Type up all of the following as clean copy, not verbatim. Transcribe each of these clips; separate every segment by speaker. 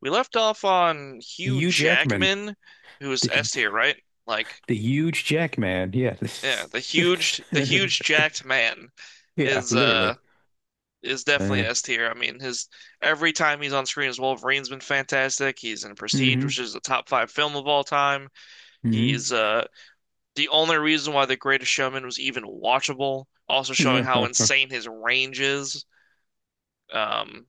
Speaker 1: We left off on Hugh
Speaker 2: Hugh Jackman,
Speaker 1: Jackman, who's
Speaker 2: the
Speaker 1: S tier, right? Like,
Speaker 2: the huge Jackman. Yeah,
Speaker 1: yeah, the huge, jacked man
Speaker 2: yeah,
Speaker 1: is uh
Speaker 2: literally.
Speaker 1: is definitely
Speaker 2: Uh,
Speaker 1: S tier. I mean, his every time he's on screen as Wolverine's been fantastic. He's in Prestige, which
Speaker 2: hmm
Speaker 1: is a top five film of all time.
Speaker 2: hmm
Speaker 1: He's the only reason why The Greatest Showman was even watchable, also showing
Speaker 2: Yeah,
Speaker 1: how
Speaker 2: Yeah,
Speaker 1: insane his range is. Um,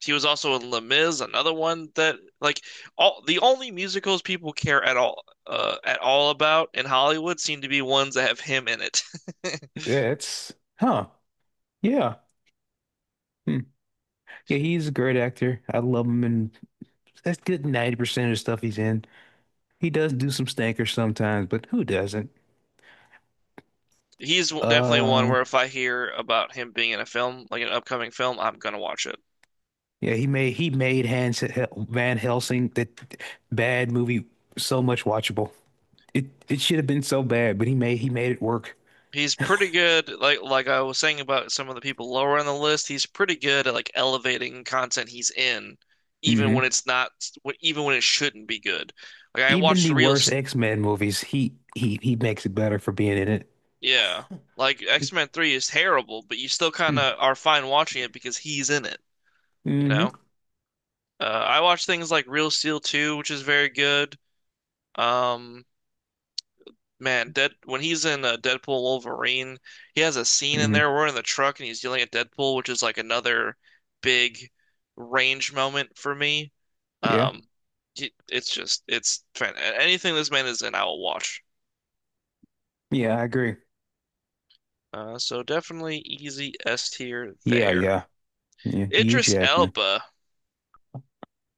Speaker 1: He was also in Les Mis, another one that like all the only musicals people care at all about in Hollywood seem to be ones that have him in it.
Speaker 2: it's huh. Yeah, hmm. Yeah, he's a great actor. I love him, and that's good. 90% of the stuff he's in, he does do some stinkers sometimes, but who doesn't?
Speaker 1: He's definitely one
Speaker 2: Uh,
Speaker 1: where if I hear about him being in a film, like an upcoming film, I'm gonna watch it.
Speaker 2: yeah, he made Hans Van Helsing, that bad movie, so much watchable. It should have been so bad, but he made it work.
Speaker 1: He's pretty good, like I was saying about some of the people lower on the list. He's pretty good at like elevating content he's in, even
Speaker 2: Mm-hmm.
Speaker 1: when it's not, even when it shouldn't be good. Like I
Speaker 2: Even
Speaker 1: watched
Speaker 2: the
Speaker 1: Real
Speaker 2: worst X-Men movies, he makes it better for being in it.
Speaker 1: Yeah. Like X-Men 3 is terrible, but you still kind of are fine watching it because he's in it, you know?
Speaker 2: Mm-hmm.
Speaker 1: I watch things like Real Steel 2, which is very good. Um, Man, Dead when he's in Deadpool Wolverine, he has a scene in
Speaker 2: Mm-hmm.
Speaker 1: there. We're in the truck and he's yelling at Deadpool, which is like another big range moment for me.
Speaker 2: Yeah.
Speaker 1: Um, it's just, it's fan anything this man is in, I will watch.
Speaker 2: Yeah, I agree.
Speaker 1: So definitely easy S tier
Speaker 2: Yeah,
Speaker 1: there.
Speaker 2: yeah. Yeah. Hugh
Speaker 1: Idris
Speaker 2: Jackman.
Speaker 1: Elba.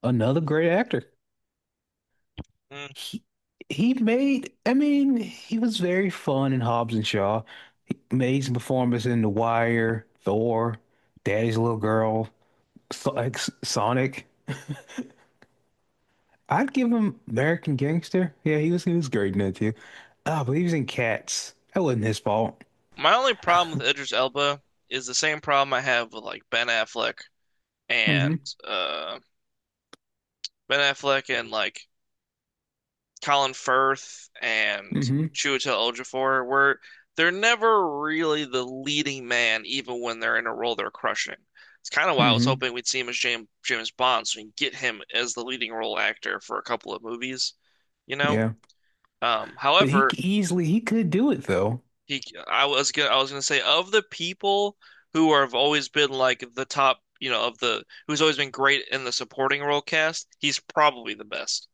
Speaker 2: Another great actor.
Speaker 1: Hmm.
Speaker 2: He he made he was very fun in Hobbs and Shaw. He made some performances in The Wire, Thor, Daddy's Little Girl, So- like, Sonic. I'd give him American Gangster. Yeah, he was great in that too. Ah, but he was in Cats. That wasn't his fault.
Speaker 1: My only problem with Idris Elba is the same problem I have with like Ben Affleck and
Speaker 2: Mm-hmm.
Speaker 1: uh and like Colin Firth and
Speaker 2: Mm-hmm.
Speaker 1: Chiwetel Ejiofor, where they're never really the leading man, even when they're in a role they're crushing. It's kind of why I was
Speaker 2: Hmm.
Speaker 1: hoping we'd see him as James Bond, so we can get him as the leading role actor for a couple of movies, you know.
Speaker 2: Yeah. But
Speaker 1: However,
Speaker 2: easily he could do it, though.
Speaker 1: He, I was gonna say of the people who are, have always been like the top, you know, of the who's always been great in the supporting role cast. He's probably the best.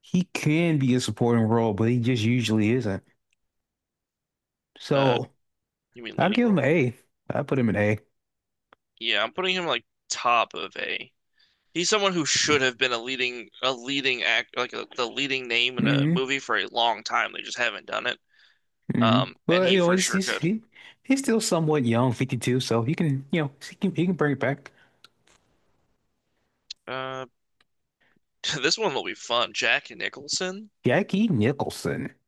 Speaker 2: He can be a supporting role, but he just usually isn't.
Speaker 1: Uh,
Speaker 2: So
Speaker 1: you mean
Speaker 2: I'll
Speaker 1: leading
Speaker 2: give him
Speaker 1: role?
Speaker 2: an A. I put him an A.
Speaker 1: Yeah, I'm putting him like top of A. He's someone who should have been a leading act, like a, the leading name in a
Speaker 2: Hmm.
Speaker 1: movie for a long time. They just haven't done it.
Speaker 2: Hmm.
Speaker 1: Um, and
Speaker 2: But
Speaker 1: he
Speaker 2: you know,
Speaker 1: for sure could.
Speaker 2: he's still somewhat young, 52, so he can, you know, he can bring it back.
Speaker 1: Uh, this one will be fun. Jack Nicholson.
Speaker 2: Jackie Nicholson.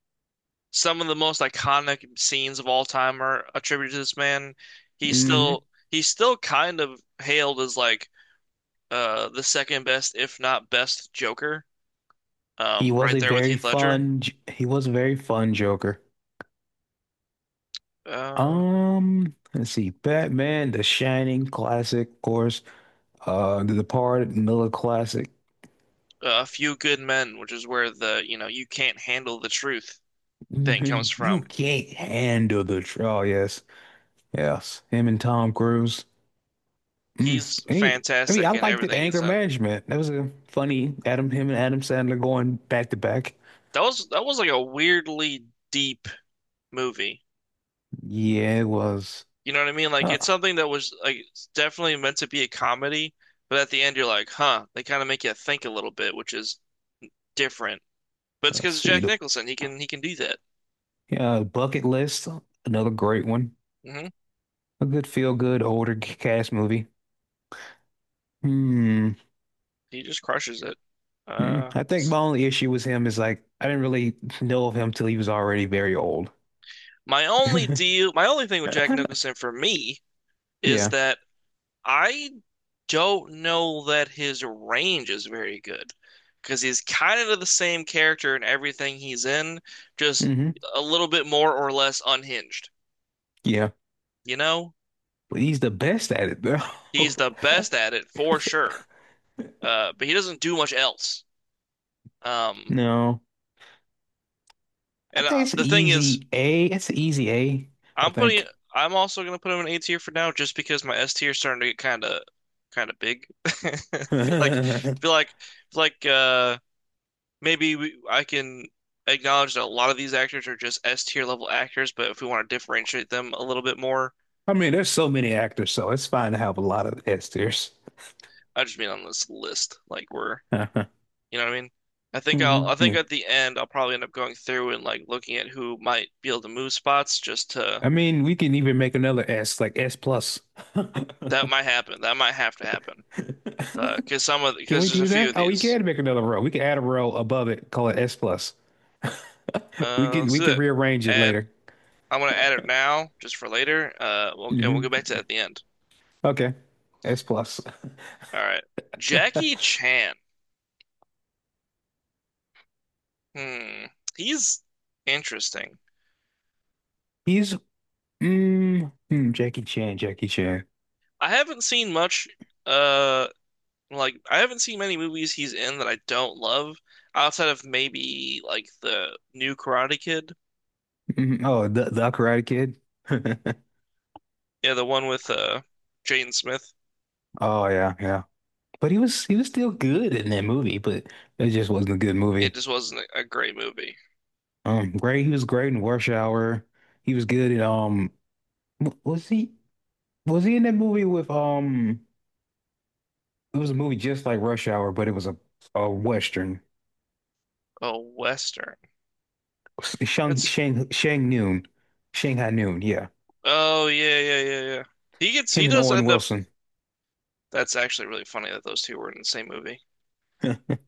Speaker 1: Some of the most iconic scenes of all time are attributed to this man. He's
Speaker 2: Hmm.
Speaker 1: still he's still kind of hailed as like the second best, if not best, Joker.
Speaker 2: He was
Speaker 1: Right
Speaker 2: a
Speaker 1: there with
Speaker 2: very
Speaker 1: Heath Ledger.
Speaker 2: fun he was a very fun Joker.
Speaker 1: Uh,
Speaker 2: Let's see, Batman, The Shining, classic, of course. The Departed, another classic.
Speaker 1: A Few Good Men, which is where the "you know you can't handle the truth" thing comes
Speaker 2: You
Speaker 1: from.
Speaker 2: can't handle the truth. Oh, yes, yes. Him and Tom Cruise. Mm.
Speaker 1: He's
Speaker 2: I mean,
Speaker 1: fantastic
Speaker 2: I
Speaker 1: in
Speaker 2: liked it. The
Speaker 1: everything he's
Speaker 2: anger
Speaker 1: in.
Speaker 2: management. That was a funny Adam, him and Adam Sandler going back to back.
Speaker 1: That was like a weirdly deep movie.
Speaker 2: Yeah, it was.
Speaker 1: You know what I mean? Like
Speaker 2: Uh,
Speaker 1: it's something that was like it's definitely meant to be a comedy, but at the end you're like, huh, they kind of make you think a little bit, which is different. But it's
Speaker 2: let's
Speaker 1: because
Speaker 2: see.
Speaker 1: Jack Nicholson, he can do that.
Speaker 2: Yeah, Bucket List. Another great one.
Speaker 1: Hmm.
Speaker 2: A good feel good older cast movie. Hmm.
Speaker 1: He just crushes it.
Speaker 2: Hmm.
Speaker 1: Uh,
Speaker 2: I think my only issue with him is, like, I didn't really know of him till he was already very old.
Speaker 1: my only deal, my only thing with Jack Nicholson for me is
Speaker 2: Yeah.
Speaker 1: that I don't know that his range is very good because he's kind of the same character in everything he's in, just
Speaker 2: Hmm.
Speaker 1: a little bit more or less unhinged,
Speaker 2: Yeah,
Speaker 1: you know?
Speaker 2: but he's the best at it, bro.
Speaker 1: He's the best at it for sure. But he doesn't do much else. Um,
Speaker 2: No, I
Speaker 1: and
Speaker 2: think it's
Speaker 1: the thing is,
Speaker 2: easy A. It's an easy A, I
Speaker 1: I'm putting
Speaker 2: think.
Speaker 1: I'm also gonna put him in A tier for now, just because my S tier is starting to get kind of big.
Speaker 2: I
Speaker 1: Feel like feel like I can acknowledge that a lot of these actors are just S tier level actors, but if we want to differentiate them a little bit more,
Speaker 2: mean, there's so many actors, so it's fine to have a lot of S tiers.
Speaker 1: I just mean on this list, like we're you know what I mean? I
Speaker 2: Hmm.
Speaker 1: think
Speaker 2: Yeah.
Speaker 1: at the end I'll probably end up going through and like looking at who might be able to move spots. Just to
Speaker 2: I mean, we can even make another S, like S plus.
Speaker 1: That might happen. That might have to happen. Cause some of
Speaker 2: Can
Speaker 1: Because
Speaker 2: we
Speaker 1: there's a
Speaker 2: do
Speaker 1: few
Speaker 2: that?
Speaker 1: of
Speaker 2: Oh, we
Speaker 1: these.
Speaker 2: can make another row. We can add a row above it, call it S plus. We can
Speaker 1: Let's
Speaker 2: we
Speaker 1: do
Speaker 2: can
Speaker 1: that.
Speaker 2: rearrange it
Speaker 1: Add
Speaker 2: later.
Speaker 1: I'm gonna add it now just for later. And we'll go
Speaker 2: Hmm.
Speaker 1: back to that at the end.
Speaker 2: Okay. S plus.
Speaker 1: All right. Jackie Chan. Hmm. He's interesting.
Speaker 2: He's mm, hmm, Jackie Chan, Jackie Chan.
Speaker 1: I haven't seen much. uh Like, I haven't seen many movies he's in that I don't love outside of maybe like the new Karate Kid.
Speaker 2: Mhm. Oh, the Karate Kid.
Speaker 1: Yeah, the one with Jaden Smith.
Speaker 2: Oh yeah, yeah. But he was still good in that movie, but it just wasn't a good movie.
Speaker 1: It just wasn't a great movie.
Speaker 2: Great. He was great in Rush Hour. He was good in w- Was he was he in that movie with um? It was a movie just like Rush Hour, but it was a Western.
Speaker 1: Oh, Western.
Speaker 2: Shang
Speaker 1: It's
Speaker 2: Shang Shang Noon, Shanghai Noon. Yeah,
Speaker 1: Oh yeah, yeah, yeah, yeah. He gets he
Speaker 2: him and
Speaker 1: does
Speaker 2: Owen
Speaker 1: end up
Speaker 2: Wilson.
Speaker 1: That's actually really funny that those two were in the same movie.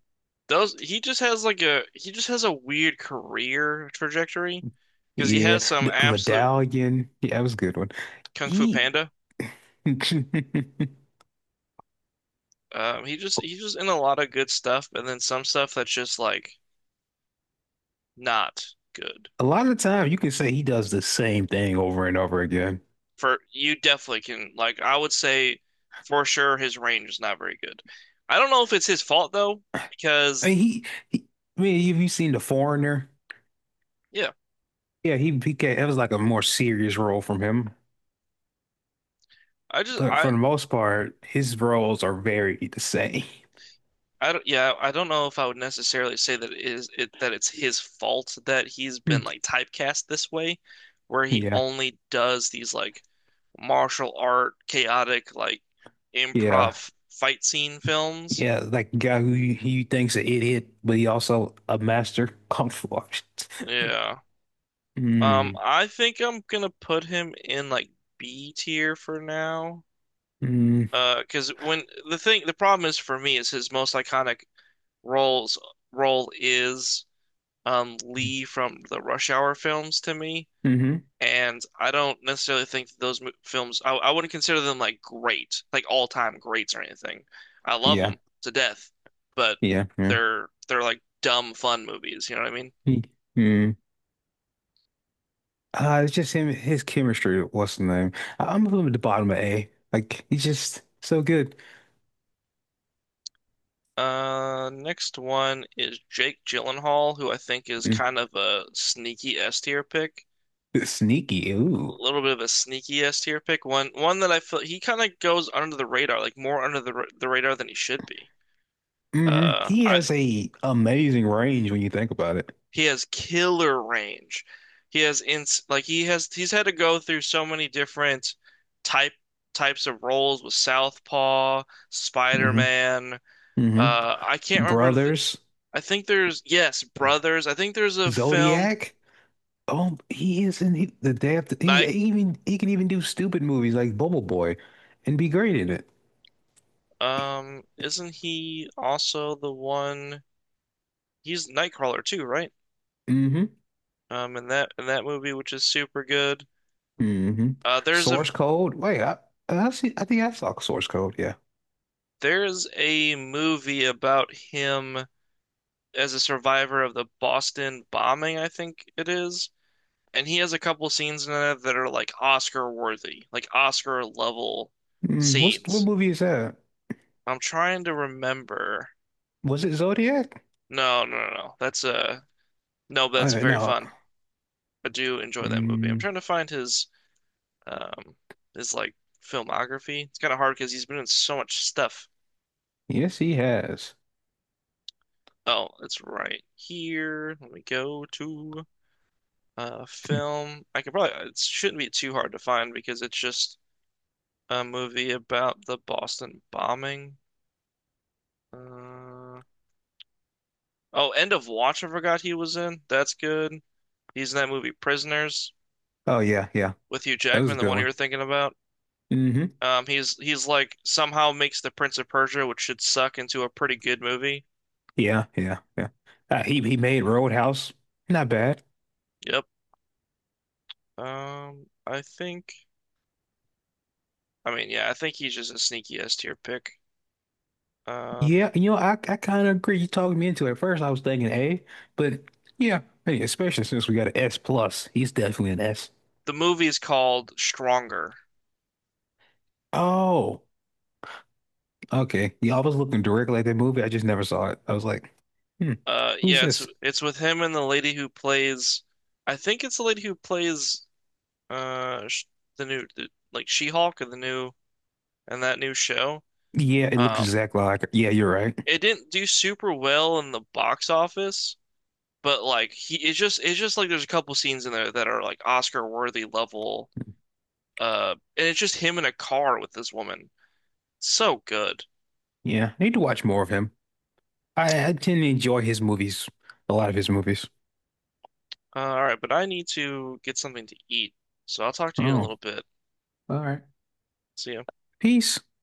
Speaker 1: Those He just has a weird career trajectory because he
Speaker 2: Yeah,
Speaker 1: has some
Speaker 2: the
Speaker 1: absolute
Speaker 2: Medallion. Yeah, that was a good one.
Speaker 1: Kung Fu
Speaker 2: He.
Speaker 1: Panda. He's just in a lot of good stuff and then some stuff that's just like not good.
Speaker 2: A lot of the time, you can say he does the same thing over and over again.
Speaker 1: For You definitely can. Like, I would say for sure his range is not very good. I don't know if it's his fault though,
Speaker 2: I
Speaker 1: because
Speaker 2: mean, he, he I mean, have you seen The Foreigner?
Speaker 1: yeah,
Speaker 2: Yeah, it was like a more serious role from him,
Speaker 1: I just
Speaker 2: but for the most part, his roles are very the same.
Speaker 1: I don't yeah, I don't know if I would necessarily say that it is it that it's his fault that he's been
Speaker 2: Hmm.
Speaker 1: like typecast this way, where he
Speaker 2: Yeah,
Speaker 1: only does these like martial art chaotic like
Speaker 2: yeah,
Speaker 1: improv fight scene films.
Speaker 2: yeah. Like the guy who you think's an idiot, but he also a master kung fu artist.
Speaker 1: Yeah.
Speaker 2: Mm,
Speaker 1: I think I'm gonna put him in like B tier for now.
Speaker 2: mm,
Speaker 1: 'Cause when the thing, The problem is for me is his most iconic roles role is Lee from the Rush Hour films to me,
Speaker 2: mm-hmm.
Speaker 1: and I don't necessarily think that those films I wouldn't consider them like great, like all-time greats or anything. I love
Speaker 2: Yeah,
Speaker 1: them to death, but
Speaker 2: yeah,
Speaker 1: they're like dumb fun movies, you know what I mean?
Speaker 2: yeah. Mm. It's just him, his chemistry. What's the name? I'm from the bottom of A. Like, he's just so good.
Speaker 1: Next one is Jake Gyllenhaal, who I think is
Speaker 2: Mm.
Speaker 1: kind of a sneaky S tier pick,
Speaker 2: Sneaky.
Speaker 1: a
Speaker 2: Ooh,
Speaker 1: little bit of a sneaky S tier pick. One that I feel he kind of goes under the radar, like more under the radar than he should be.
Speaker 2: hmm. He
Speaker 1: I
Speaker 2: has a amazing range when you think about it.
Speaker 1: He has killer range. He has ins like he has He's had to go through so many different type types of roles with Southpaw,
Speaker 2: Hmm.
Speaker 1: Spider-Man.
Speaker 2: Hmm.
Speaker 1: I can't remember
Speaker 2: Brothers,
Speaker 1: I think there's, yes,
Speaker 2: Ugh.
Speaker 1: Brothers. I think there's a film,
Speaker 2: Zodiac. Oh, he is in he, the day after. He
Speaker 1: Night.
Speaker 2: even he can even do stupid movies like Bubble Boy, and be great in it.
Speaker 1: Isn't he also the one? He's Nightcrawler too, right?
Speaker 2: Hmm.
Speaker 1: In that movie, which is super good.
Speaker 2: Hmm.
Speaker 1: Uh, there's a
Speaker 2: Source Code. Wait, I see. I think I saw Source Code. Yeah.
Speaker 1: there's a movie about him as a survivor of the Boston bombing, I think it is, and he has a couple scenes in it that are like Oscar worthy, like Oscar level
Speaker 2: Mm, what's what
Speaker 1: scenes.
Speaker 2: movie is that?
Speaker 1: I'm trying to remember.
Speaker 2: Was it Zodiac?
Speaker 1: No, no, no, no. That's a No, but that's very
Speaker 2: No.
Speaker 1: fun. I do enjoy that movie. I'm
Speaker 2: Mm,
Speaker 1: trying to find um his filmography. It's kind of hard because he's been in so much stuff.
Speaker 2: yes, he has.
Speaker 1: Oh, it's right here. Let me go to
Speaker 2: Hmm.
Speaker 1: film. I could probably It shouldn't be too hard to find because it's just a movie about the Boston bombing. Uh oh, End of Watch I forgot he was in. That's good. He's in that movie Prisoners
Speaker 2: Oh yeah, yeah.
Speaker 1: with Hugh
Speaker 2: That was
Speaker 1: Jackman,
Speaker 2: a
Speaker 1: the
Speaker 2: good
Speaker 1: one you were
Speaker 2: one.
Speaker 1: thinking about.
Speaker 2: Hmm.
Speaker 1: He's like somehow makes the Prince of Persia, which should suck, into a pretty good movie.
Speaker 2: Yeah, yeah, yeah. He made Roadhouse. Not bad.
Speaker 1: Yep. I think, I mean, yeah, I think he's just a sneaky S tier pick. Uh,
Speaker 2: Yeah, you know, I kind of agree. You talked me into it. At first, I was thinking A, but yeah, hey, especially since we got an S plus, he's definitely an S.
Speaker 1: the movie is called Stronger.
Speaker 2: Oh, okay. Yeah, I was looking directly at that movie. I just never saw it. I was like, hmm, who's
Speaker 1: Yeah, it's
Speaker 2: this?
Speaker 1: it's with him and the lady who plays, I think it's the lady who plays sh the new the, like She-Hulk and the new and that new show.
Speaker 2: Yeah, it looks
Speaker 1: Um,
Speaker 2: exactly like. Yeah, you're right.
Speaker 1: it didn't do super well in the box office, but like he it's just like there's a couple scenes in there that are like Oscar worthy level. And it's just him in a car with this woman. So good.
Speaker 2: Yeah, I need to watch more of him. I can enjoy his movies, a lot of his movies.
Speaker 1: All right, but I need to get something to eat, so I'll talk to you in a
Speaker 2: Oh,
Speaker 1: little bit.
Speaker 2: all right.
Speaker 1: See ya.
Speaker 2: Peace.